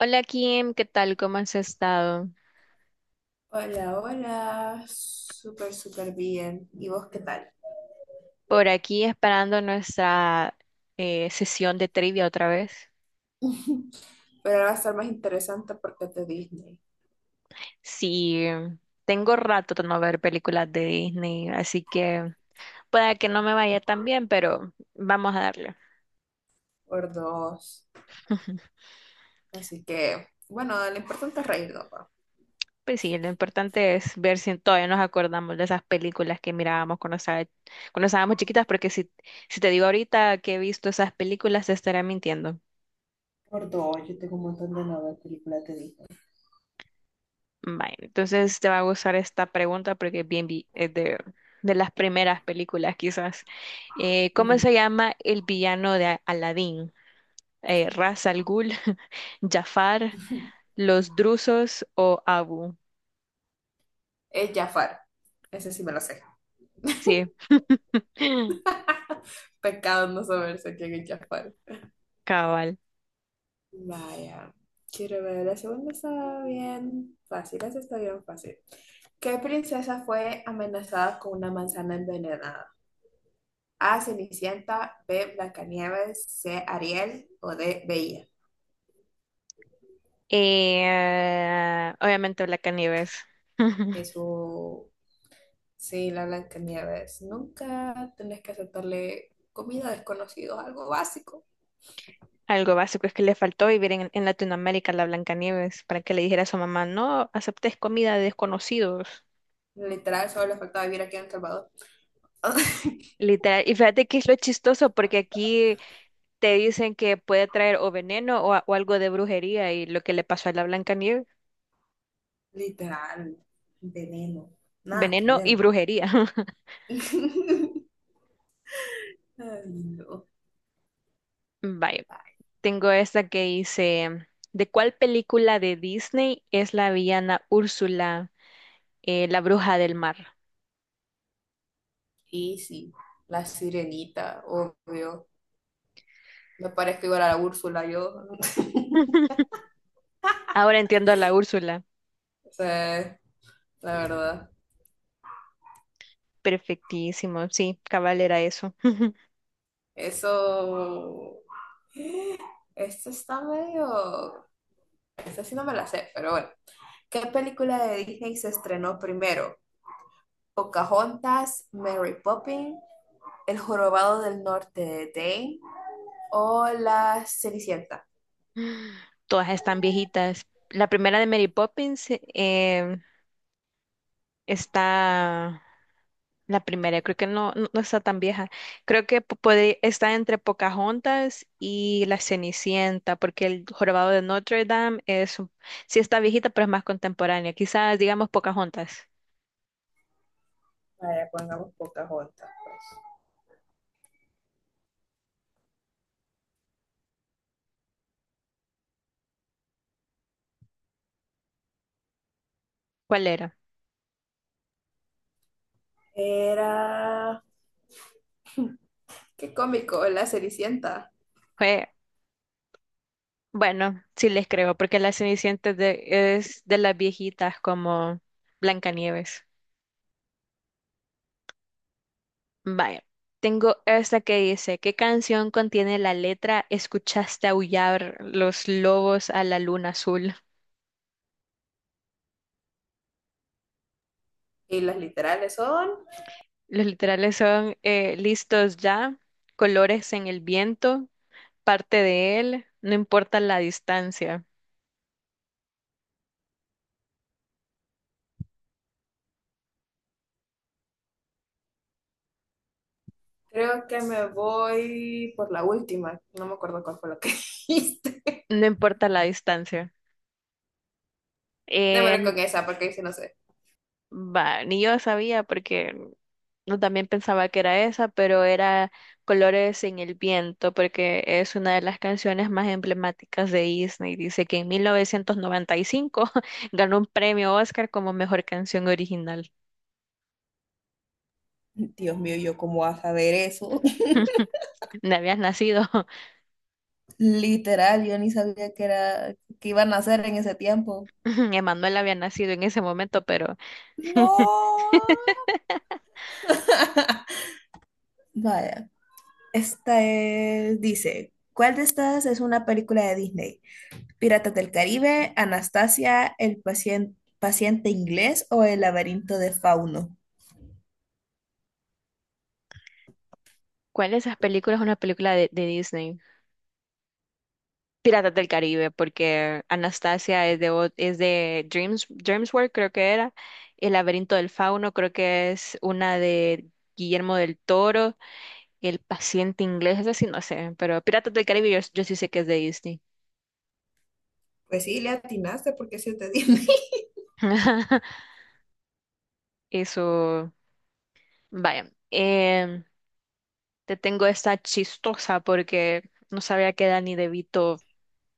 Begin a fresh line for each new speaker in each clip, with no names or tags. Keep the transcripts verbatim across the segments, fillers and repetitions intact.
Hola Kim, ¿qué tal? ¿Cómo has estado?
Hola, hola, súper, súper bien. ¿Y vos qué tal?
Por aquí esperando nuestra eh, sesión de trivia otra vez.
Pero ahora va a estar más interesante porque es de Disney,
Sí, em, tengo rato de no ver películas de Disney, así que pueda que no me vaya tan bien, pero vamos a darle.
por dos. Así que, bueno, lo importante es reírnos, ¿no?
Pues sí, lo importante es ver si todavía nos acordamos de esas películas que mirábamos cuando estaba- cuando estábamos chiquitas, porque si, si te digo ahorita que he visto esas películas, te estaré mintiendo.
Por dos, yo tengo un montón de nuevas películas de Disney.
Vale, entonces te va a gustar esta pregunta porque es bien vi- es de, de las primeras películas quizás. Eh, ¿cómo
Ujú.
se llama el villano de Aladdin? Eh, ¿Ras al Ghul, Jafar, los Drusos o Abu?
Es Jafar, ese sí me lo sé.
Sí,
Pecado no saberse quién es Jafar.
cabal.
Vaya, quiero ver, la segunda está bien fácil, esa está bien fácil. ¿Qué princesa fue amenazada con una manzana envenenada? A. Cenicienta, B. Blancanieves, C. Ariel o D. Bella.
Eh, obviamente Blancanieves.
Eso, sí, la Blancanieves. Nunca tenés que aceptarle comida a desconocidos, algo básico.
Algo básico es que le faltó vivir en, en Latinoamérica a la Blancanieves para que le dijera a su mamá, no aceptes comida de desconocidos.
Literal, solo le faltaba vivir aquí en El Salvador.
Literal. Y fíjate que es lo chistoso, porque aquí te dicen que puede traer o veneno o, a- o algo de brujería, y lo que le pasó a la Blancanieves,
Literal, veneno. Nada que
veneno
ver.
y
Ma.
brujería.
Ay, no.
Vaya, tengo esta que dice, ¿de cuál película de Disney es la villana Úrsula, eh, la bruja del mar?
Y sí, la sirenita, obvio. Me parezco igual a la Úrsula, yo.
Ahora entiendo a la Úrsula.
O sea, la verdad.
Perfectísimo, sí, cabal era eso.
Eso. Este está medio. Este sí no me la sé, pero bueno. ¿Qué película de Disney se estrenó primero? ¿Pocahontas, Mary Poppins, El Jorobado del Norte de Dane o La Cenicienta?
Todas están viejitas. La primera de Mary Poppins eh, está. La primera, creo que no, no, no está tan vieja. Creo que pu- puede, está entre Pocahontas y La Cenicienta, porque el Jorobado de Notre Dame es, un- sí está viejita, pero es más contemporánea. Quizás digamos Pocahontas.
Vaya, pongamos Pocahontas, pues.
¿Cuál era?
Era. Qué cómico, La Cenicienta.
Fue, bueno, sí les creo, porque La Cenicienta es de, es de las viejitas como Blancanieves. Vaya, tengo esta que dice, ¿qué canción contiene la letra Escuchaste aullar los lobos a la luna azul?
Y las literales son.
Los literales son eh, listos ya, colores en el viento, parte de él, no importa la distancia,
Creo que me voy por la última. No me acuerdo cuál fue lo que dijiste.
no importa la distancia.
Démosle
Eh,
con esa, porque ahí sí no sé.
va, ni yo sabía porque no también pensaba que era esa, pero era colores en el viento porque es una de las canciones más emblemáticas de Disney. Dice que en mil novecientos noventa y cinco ganó un premio Oscar como mejor canción original.
Dios mío, ¿yo cómo vas a ver eso?
No habías nacido.
Literal, yo ni sabía que era, que iban a hacer en ese tiempo.
Emanuel había nacido en ese momento, pero
No. Vaya. Esta es, dice, ¿cuál de estas es una película de Disney? ¿Piratas del Caribe, Anastasia, El pacien- paciente inglés o El laberinto de Fauno?
¿cuál de esas películas es una película de, de Disney? Piratas del Caribe, porque Anastasia es de, ot- es de Dreams, DreamWorks, creo que era. El laberinto del fauno, creo que es una de Guillermo del Toro. El paciente inglés, eso sí no sé, pero Piratas del Caribe yo, yo sí sé que es de Disney.
Pues sí, le atinaste porque se te Disney.
Eso, vaya. Em, te tengo esta chistosa porque no sabía que Danny DeVito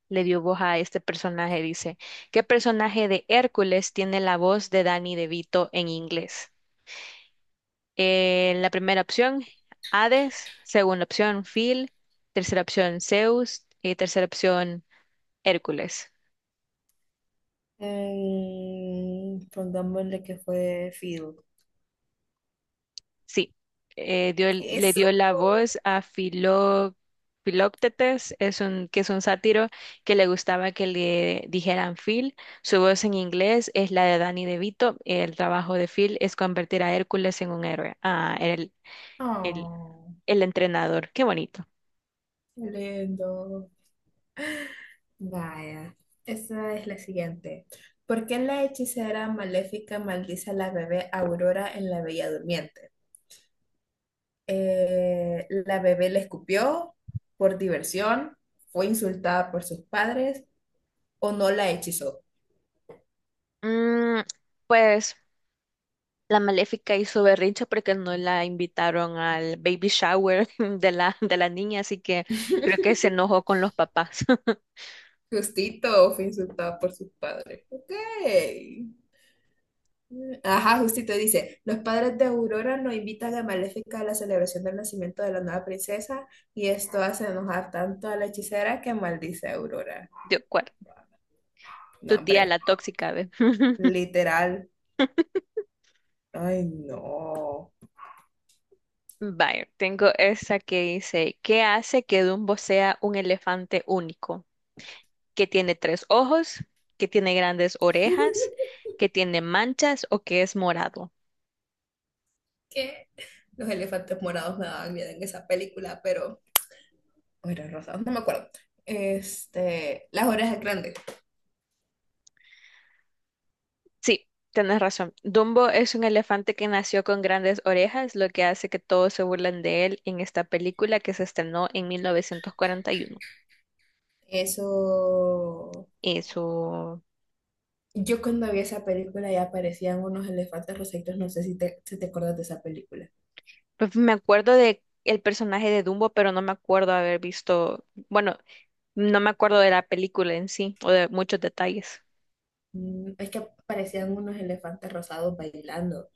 le dio voz a este personaje, dice, ¿qué personaje de Hércules tiene la voz de Danny DeVito en inglés? Eh, la primera opción, Hades, segunda opción, Phil, tercera opción, Zeus y tercera opción, Hércules.
Mm, pongámosle que fue Field.
Sí, eh, dio el- le
Eso.
dio la voz a Filó- Filóctetes, es un, que es un sátiro que le gustaba que le dijeran Phil. Su voz en inglés es la de Danny DeVito. El trabajo de Phil es convertir a Hércules en un héroe. Ah, era el, el,
Oh,
el entrenador. Qué bonito.
qué lindo. Vaya, esa es la siguiente. ¿Por qué la hechicera maléfica maldice a la bebé Aurora en La Bella Durmiente? Eh, ¿la bebé le escupió por diversión? ¿Fue insultada por sus padres o no la hechizó?
Mm, pues la Maléfica hizo berrinche porque no la invitaron al baby shower de la, de la niña, así que creo que se enojó con los papás.
Justito, fue insultada por sus padres. Ok. Ajá, justito dice, los padres de Aurora nos invitan a Maléfica a la celebración del nacimiento de la nueva princesa y esto hace enojar tanto a la hechicera que maldice a Aurora.
Yo
No,
Tu tía la
hombre,
tóxica, ¿ves?
literal. Ay, no.
Vaya, tengo esa que dice, ¿qué hace que Dumbo sea un elefante único? Que tiene tres ojos, que tiene grandes orejas, que tiene manchas o que es morado.
Que los elefantes morados me daban miedo en esa película, pero o eran rosados, no me acuerdo. Este, las orejas grandes.
Sí, tienes razón. Dumbo es un elefante que nació con grandes orejas, lo que hace que todos se burlen de él en esta película que se estrenó en mil novecientos cuarenta y uno.
Eso.
Eso,
Yo cuando vi esa película ya aparecían unos elefantes rosaditos, no sé si te, si te acuerdas de esa película.
pues me acuerdo de el personaje de Dumbo, pero no me acuerdo haber visto, bueno, no me acuerdo de la película en sí o de muchos detalles.
Mm, Es que parecían unos elefantes rosados bailando,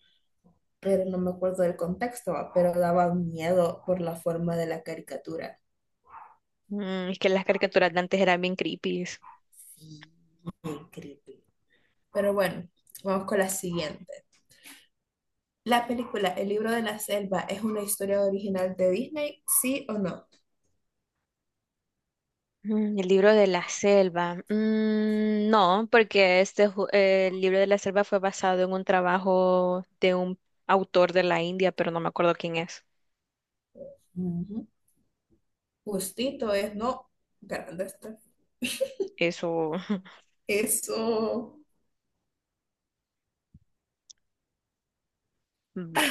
pero no me acuerdo del contexto, va, pero daba miedo por la forma de la caricatura.
Mm, es que las caricaturas de antes eran bien creepy.
Sí, bien creepy. Pero bueno, vamos con la siguiente. La película El libro de la selva es una historia original de Disney, ¿sí o no?
Mm, el libro de la selva. Mm, no, porque este ju- eh, el libro de la selva fue basado en un trabajo de un autor de la India, pero no me acuerdo quién es.
Ujú. Justito es no. Grande está.
Eso.
Eso.
Bye.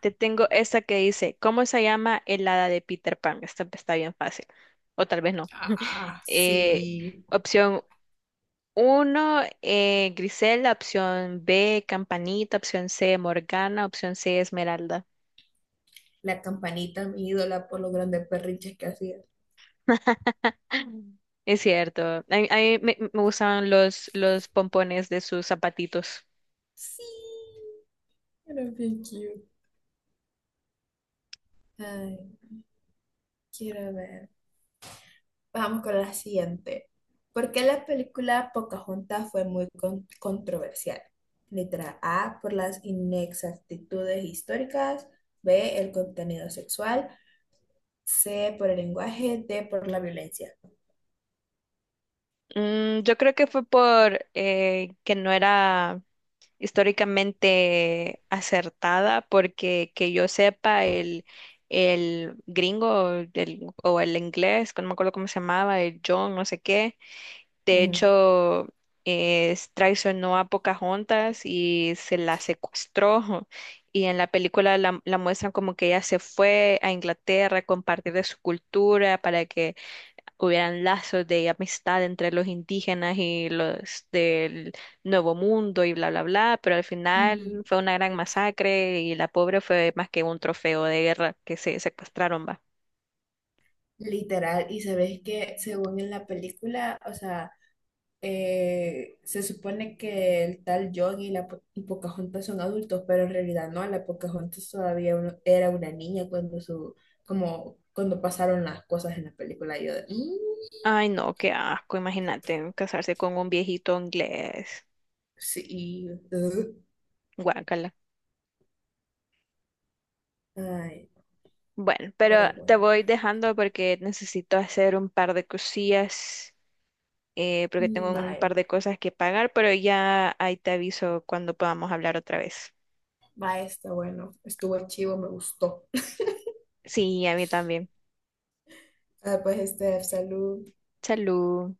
Te tengo esta que dice, ¿cómo se llama el hada de Peter Pan? Esta está bien fácil. O tal vez no.
Ah,
Eh,
sí.
opción Uno, eh, Griselda, opción B, Campanita, opción C, Morgana, opción C, Esmeralda.
La campanita, mi ídola, por los grandes perrinches que hacía.
Es cierto. A, mí a mí me, me gustaban los, los pompones de sus zapatitos.
Sí. Era bien cute. Ay, quiero ver. Vamos con la siguiente. ¿Por qué la película Pocahontas fue muy con- controversial? Letra A, por las inexactitudes históricas. B, el contenido sexual. C, por el lenguaje. D, por la violencia.
Mm, yo creo que fue por eh, que no era históricamente acertada, porque que yo sepa, el, el gringo el- o el inglés, que no me acuerdo cómo se llamaba, el John, no sé qué, de
Ujú.
hecho, es- traicionó a Pocahontas y se la secuestró. Y en la película la, la muestran como que ella se fue a Inglaterra a compartir de su cultura para que hubieran lazos de amistad entre los indígenas y los del Nuevo Mundo y bla, bla, bla. Pero al
Ujú.
final fue una gran masacre y la pobre fue más que un trofeo de guerra que se secuestraron, va.
Literal, y sabes que según en la película, o sea, eh, se supone que el tal John y la Po- y Pocahontas son adultos, pero en realidad no, la Pocahontas todavía un- era una niña cuando su, como, cuando pasaron las cosas en la película. Y yo de, "Mm,
Ay, no, qué asco, imagínate casarse con un viejito inglés.
sí, uh".
Guácala.
Ay,
Bueno, pero
pero
te
bueno,
voy dejando porque necesito hacer un par de cosillas, eh, porque tengo
Mm,
un
bye,
par de cosas que pagar, pero ya ahí te aviso cuando podamos hablar otra vez.
bye, está bueno, estuvo chivo, me gustó.
Sí, a mí también.
Ah, pues, Steph, salud.
Salud.